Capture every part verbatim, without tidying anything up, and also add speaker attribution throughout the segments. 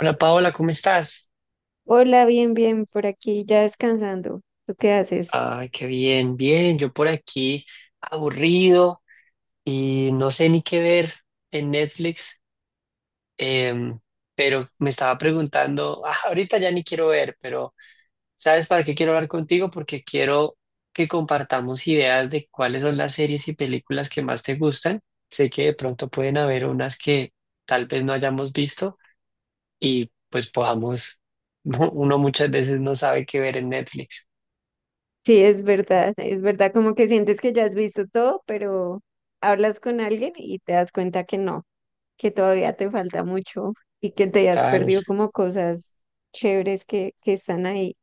Speaker 1: Hola Paola, ¿cómo estás?
Speaker 2: Hola, bien, bien, por aquí ya descansando. ¿Tú qué haces?
Speaker 1: Ay, qué bien, bien. Yo por aquí aburrido y no sé ni qué ver en Netflix, em, pero me estaba preguntando, ah, ahorita ya ni quiero ver, pero ¿sabes para qué quiero hablar contigo? Porque quiero que compartamos ideas de cuáles son las series y películas que más te gustan. Sé que de pronto pueden haber unas que tal vez no hayamos visto y pues podamos, uno muchas veces no sabe qué ver en Netflix.
Speaker 2: Sí, es verdad, es verdad, como que sientes que ya has visto todo, pero hablas con alguien y te das cuenta que no, que todavía te falta mucho y que te has
Speaker 1: Tal,
Speaker 2: perdido como cosas chéveres que, que están ahí.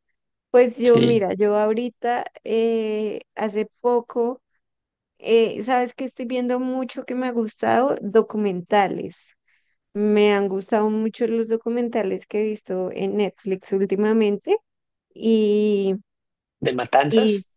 Speaker 2: Pues yo,
Speaker 1: sí.
Speaker 2: mira, yo ahorita, eh, hace poco, eh, sabes que estoy viendo mucho que me ha gustado, documentales. Me han gustado mucho los documentales que he visto en Netflix últimamente. y,
Speaker 1: ¿De
Speaker 2: y
Speaker 1: matanzas?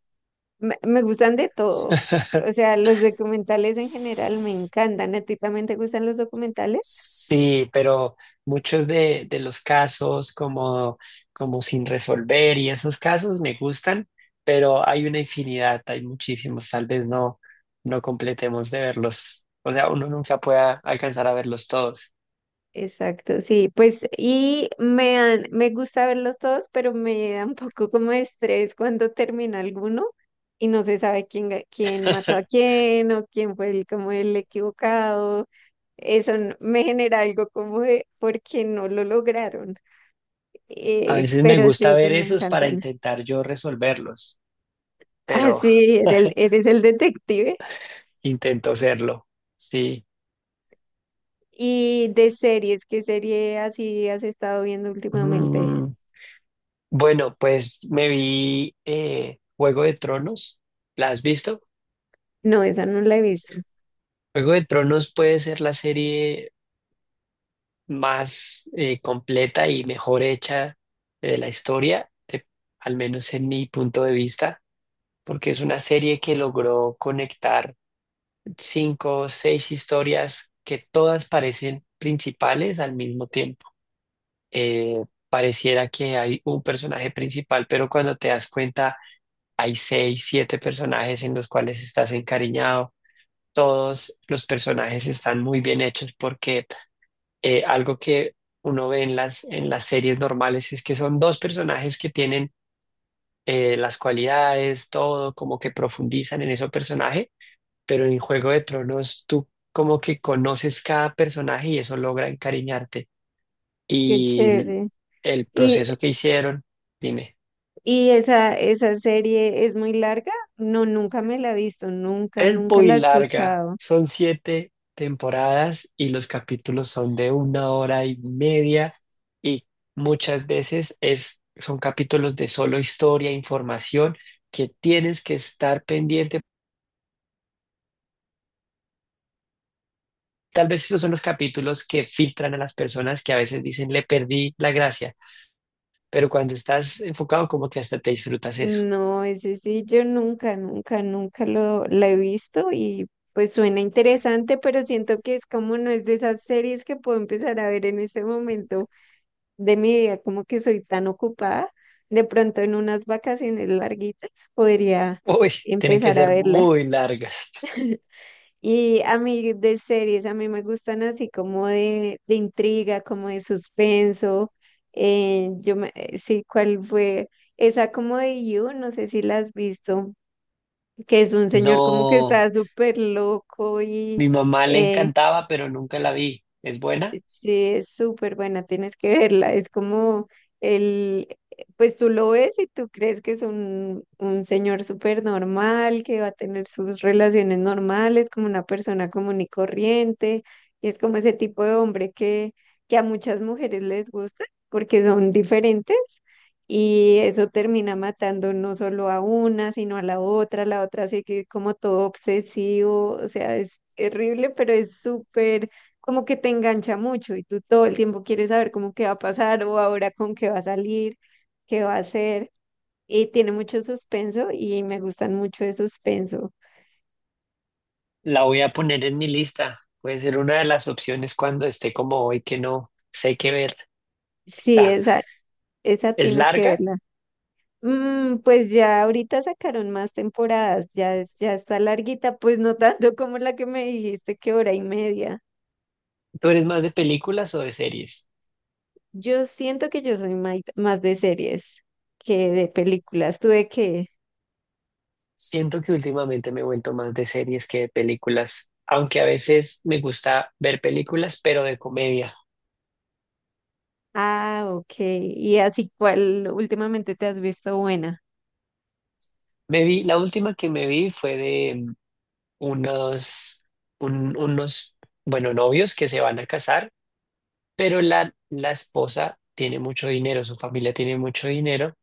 Speaker 2: me, me gustan de todo. O sea, los documentales en general me encantan. ¿A ti también te gustan los documentales?
Speaker 1: Sí, pero muchos de, de los casos como, como sin resolver y esos casos me gustan, pero hay una infinidad, hay muchísimos, tal vez no, no completemos de verlos, o sea, uno nunca pueda alcanzar a verlos todos.
Speaker 2: Exacto, sí. Pues, y me dan, me gusta verlos todos, pero me da un poco como de estrés cuando termina alguno y no se sabe quién, ga- quién mató a quién o quién fue el, como el equivocado. Eso n- me genera algo como de porque no lo lograron.
Speaker 1: A
Speaker 2: Eh,
Speaker 1: veces me
Speaker 2: pero sí,
Speaker 1: gusta ver
Speaker 2: esos me
Speaker 1: esos para
Speaker 2: encantan.
Speaker 1: intentar yo resolverlos,
Speaker 2: Ah,
Speaker 1: pero
Speaker 2: sí, eres, eres el detective.
Speaker 1: intento serlo, sí.
Speaker 2: Y de series, ¿qué serie así has estado viendo últimamente?
Speaker 1: Mm, bueno, pues me vi eh, Juego de Tronos. ¿La has visto?
Speaker 2: No, esa no la he visto.
Speaker 1: Juego de Tronos puede ser la serie más eh, completa y mejor hecha de la historia, de- al menos en mi punto de vista, porque es una serie que logró conectar cinco o seis historias que todas parecen principales al mismo tiempo. Eh, Pareciera que hay un personaje principal, pero cuando te das cuenta hay seis, siete personajes en los cuales estás encariñado. Todos los personajes están muy bien hechos porque eh, algo que uno ve en las, en las series normales es que son dos personajes que tienen eh, las cualidades, todo, como que profundizan en ese personaje, pero en Juego de Tronos tú como que conoces cada personaje y eso logra encariñarte.
Speaker 2: Qué
Speaker 1: Y el
Speaker 2: chévere.
Speaker 1: el
Speaker 2: Y,
Speaker 1: proceso que hicieron, dime.
Speaker 2: y esa, esa serie es muy larga. No, nunca me la he visto, nunca,
Speaker 1: Es
Speaker 2: nunca
Speaker 1: muy
Speaker 2: la he
Speaker 1: larga,
Speaker 2: escuchado.
Speaker 1: son siete temporadas y los capítulos son de una hora y media y muchas veces es, son capítulos de solo historia, información que tienes que estar pendiente. Tal vez esos son los capítulos que filtran a las personas que a veces dicen le perdí la gracia, pero cuando estás enfocado como que hasta te disfrutas eso.
Speaker 2: No, ese sí, yo nunca, nunca, nunca lo la he visto y pues suena interesante, pero siento que es como no es de esas series que puedo empezar a ver en este momento de mi vida, como que soy tan ocupada, de pronto en unas vacaciones larguitas podría
Speaker 1: Uy, tienen que
Speaker 2: empezar a
Speaker 1: ser
Speaker 2: verla.
Speaker 1: muy largas.
Speaker 2: Y a mí de series, a mí me gustan así como de, de intriga, como de suspenso. Eh, yo me- eh, sí, ¿cuál fue? Esa como de You, no sé si la has visto, que es un señor como que
Speaker 1: No,
Speaker 2: está súper loco y...
Speaker 1: mi mamá le
Speaker 2: eh,
Speaker 1: encantaba, pero nunca la vi. ¿Es buena?
Speaker 2: Sí, es súper buena, tienes que verla. Es como el, pues tú lo ves y tú crees que es un, un señor súper normal, que va a tener sus relaciones normales, como una persona común y corriente. Y es como ese tipo de hombre que, que a muchas mujeres les gusta porque son diferentes. Y eso termina matando no solo a una, sino a la otra. La otra sigue como todo obsesivo. O sea, es terrible, pero es súper como que te engancha mucho y tú todo el tiempo quieres saber cómo qué va a pasar o ahora con qué va a salir, qué va a hacer. Y tiene mucho suspenso y me gustan mucho de suspenso.
Speaker 1: La voy a poner en mi lista. Puede ser una de las opciones cuando esté como hoy que no sé qué ver.
Speaker 2: Sí,
Speaker 1: Está.
Speaker 2: esa, esa
Speaker 1: ¿Es
Speaker 2: tienes que
Speaker 1: larga?
Speaker 2: verla. Mm, pues ya ahorita sacaron más temporadas, ya, es- ya está larguita, pues no tanto como la que me dijiste que hora y media.
Speaker 1: ¿Tú eres más de películas o de series?
Speaker 2: Yo siento que yo soy mai- más de series que de películas. Tuve que...
Speaker 1: Siento que últimamente me he vuelto más de series que de películas, aunque a veces me gusta ver películas, pero de comedia.
Speaker 2: Ah, ok. ¿Y así cuál últimamente te has visto buena?
Speaker 1: Me vi, la última que me vi fue de mm, unos, un- unos, bueno, novios que se van a casar, pero la, la esposa tiene mucho dinero, su familia tiene mucho dinero.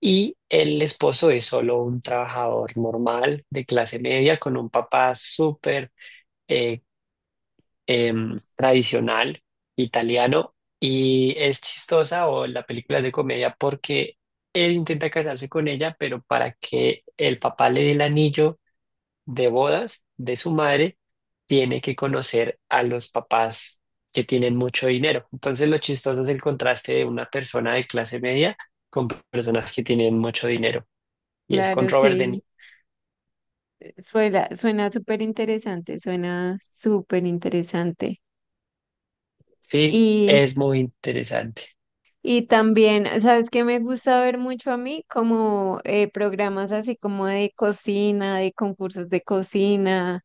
Speaker 1: Y el esposo es solo un trabajador normal de clase media con un papá súper eh, em, tradicional italiano. Y es chistosa o la película es de comedia porque él intenta casarse con ella, pero para que el papá le dé el anillo de bodas de su madre, tiene que conocer a los papás que tienen mucho dinero. Entonces lo chistoso es el contraste de una persona de clase media con personas que tienen mucho dinero y es con
Speaker 2: Claro,
Speaker 1: Robert De
Speaker 2: sí,
Speaker 1: Niro.
Speaker 2: suena, suena súper interesante, suena súper interesante.
Speaker 1: Sí,
Speaker 2: Y,
Speaker 1: es muy interesante.
Speaker 2: y también, ¿sabes qué me gusta ver mucho a mí? Como eh, programas así como de cocina, de concursos de cocina,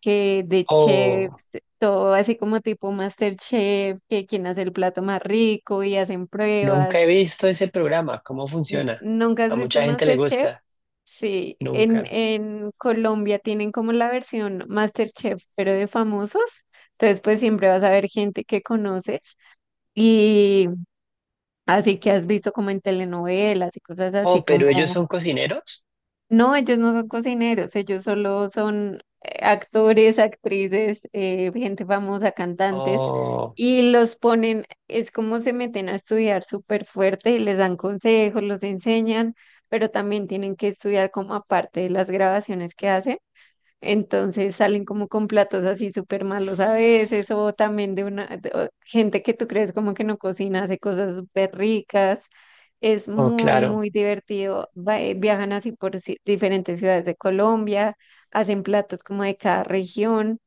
Speaker 2: que de
Speaker 1: Oh,
Speaker 2: chefs, todo así como tipo MasterChef, que quién hace el plato más rico y hacen
Speaker 1: nunca he
Speaker 2: pruebas.
Speaker 1: visto ese programa, ¿cómo
Speaker 2: N-
Speaker 1: funciona?
Speaker 2: ¿Nunca has
Speaker 1: A
Speaker 2: visto
Speaker 1: mucha gente le
Speaker 2: MasterChef?
Speaker 1: gusta,
Speaker 2: Sí, en,
Speaker 1: nunca.
Speaker 2: en Colombia tienen como la versión MasterChef, pero de famosos. Entonces, pues siempre vas a ver gente que conoces y así que has visto como en telenovelas y cosas así
Speaker 1: Oh, pero ellos
Speaker 2: como
Speaker 1: son cocineros.
Speaker 2: no, ellos no son cocineros, ellos solo son eh, actores, actrices, eh, gente famosa, cantantes,
Speaker 1: Oh,
Speaker 2: y los ponen, es como se meten a estudiar súper fuerte y les dan consejos, los enseñan, pero también tienen que estudiar como aparte de las grabaciones que hacen. Entonces salen como con platos así súper malos a veces, o también de una de- o gente que tú crees como que no cocina, hace cosas súper ricas. Es
Speaker 1: oh,
Speaker 2: muy,
Speaker 1: claro.
Speaker 2: muy divertido. Va- eh, viajan así por ci- diferentes ciudades de Colombia, hacen platos como de cada región.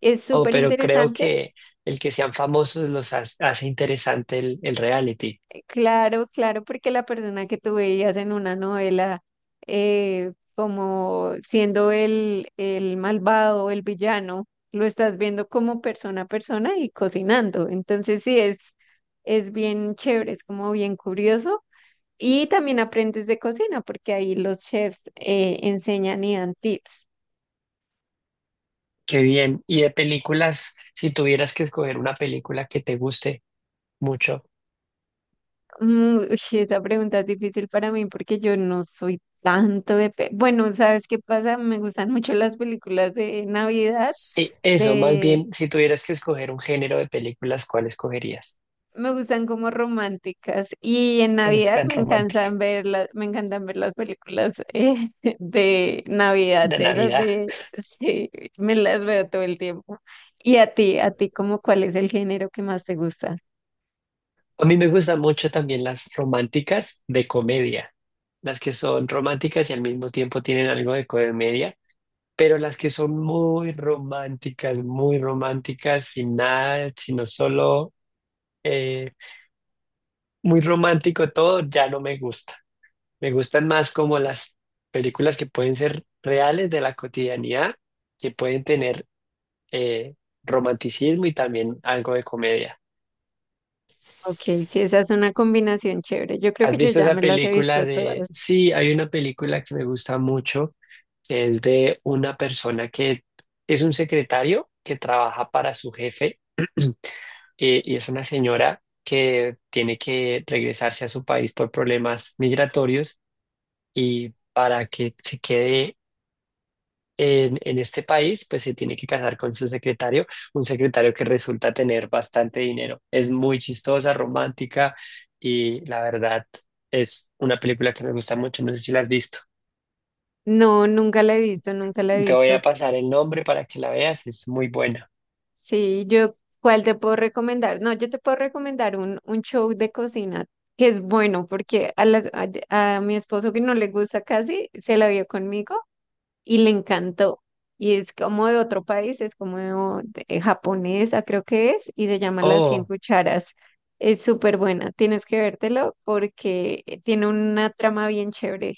Speaker 2: Es
Speaker 1: Oh,
Speaker 2: súper
Speaker 1: pero creo
Speaker 2: interesante.
Speaker 1: que el que sean famosos los ha- hace interesante el, el reality.
Speaker 2: Claro, claro, porque la persona que tú veías en una novela eh, como siendo el, el malvado, el villano, lo estás viendo como persona a persona y cocinando. Entonces sí, es, es bien chévere, es como bien curioso. Y también aprendes de cocina, porque ahí los chefs eh, enseñan y dan tips.
Speaker 1: Qué bien. Y de películas, si tuvieras que escoger una película que te guste mucho,
Speaker 2: Mm, uy, esa pregunta es difícil para mí porque yo no soy tanto de... pe- Bueno, ¿sabes qué pasa? Me gustan mucho las películas de Navidad,
Speaker 1: sí, eso, más
Speaker 2: de
Speaker 1: bien, si tuvieras que escoger un género de películas, ¿cuál escogerías?
Speaker 2: me gustan como románticas y en
Speaker 1: Me
Speaker 2: Navidad
Speaker 1: gustan
Speaker 2: me
Speaker 1: románticas.
Speaker 2: encantan ver las, me encantan ver las películas eh, de Navidad,
Speaker 1: De
Speaker 2: de esas
Speaker 1: Navidad.
Speaker 2: de sí, me las veo todo el tiempo. Y a ti, ¿a ti cómo cuál es el género que más te gusta?
Speaker 1: A mí me gustan mucho también las románticas de comedia, las que son románticas y al mismo tiempo tienen algo de comedia, pero las que son muy románticas, muy románticas, sin nada, sino solo eh, muy romántico todo, ya no me gusta. Me gustan más como las películas que pueden ser reales de la cotidianidad, que pueden tener eh, romanticismo y también algo de comedia.
Speaker 2: Ok, sí, esa es una combinación chévere. Yo creo
Speaker 1: ¿Has
Speaker 2: que yo
Speaker 1: visto
Speaker 2: ya
Speaker 1: esa
Speaker 2: me las he
Speaker 1: película
Speaker 2: visto
Speaker 1: de...
Speaker 2: todas.
Speaker 1: Sí, hay una película que me gusta mucho, que es de una persona que es un secretario que trabaja para su jefe y, y es una señora que tiene que regresarse a su país por problemas migratorios y para que se quede en, en este país, pues se tiene que casar con su secretario, un secretario que resulta tener bastante dinero. Es muy chistosa, romántica y la verdad es una película que me gusta mucho. No sé si la has visto.
Speaker 2: No, nunca la he visto, nunca la he
Speaker 1: Te voy a
Speaker 2: visto.
Speaker 1: pasar el nombre para que la veas, es muy buena.
Speaker 2: Sí, yo, ¿cuál te puedo recomendar? No, yo te puedo recomendar un, un show de cocina que es bueno porque a, las- a, a mi esposo que no le gusta casi, se la vio conmigo y le encantó. Y es como de otro país, es como de- de japonesa, creo que es, y se llama Las Cien
Speaker 1: Oh,
Speaker 2: Cucharas. Es súper buena, tienes que vértelo porque eh, tiene una trama bien chévere.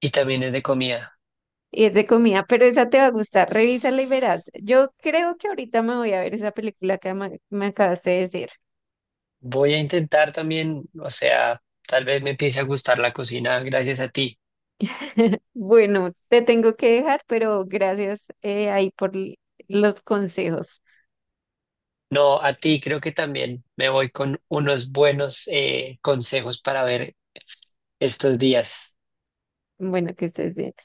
Speaker 1: y también es de comida.
Speaker 2: Y es de comida, pero esa te va a gustar. Revísala y verás. Yo creo que ahorita me voy a ver esa película que me, me acabaste de decir.
Speaker 1: Voy a intentar también, o sea, tal vez me empiece a gustar la cocina gracias a ti.
Speaker 2: Bueno, te tengo que dejar, pero gracias eh, ahí por l- los consejos.
Speaker 1: No, a ti creo que también me voy con unos buenos eh, consejos para ver estos días.
Speaker 2: Bueno, que estés bien.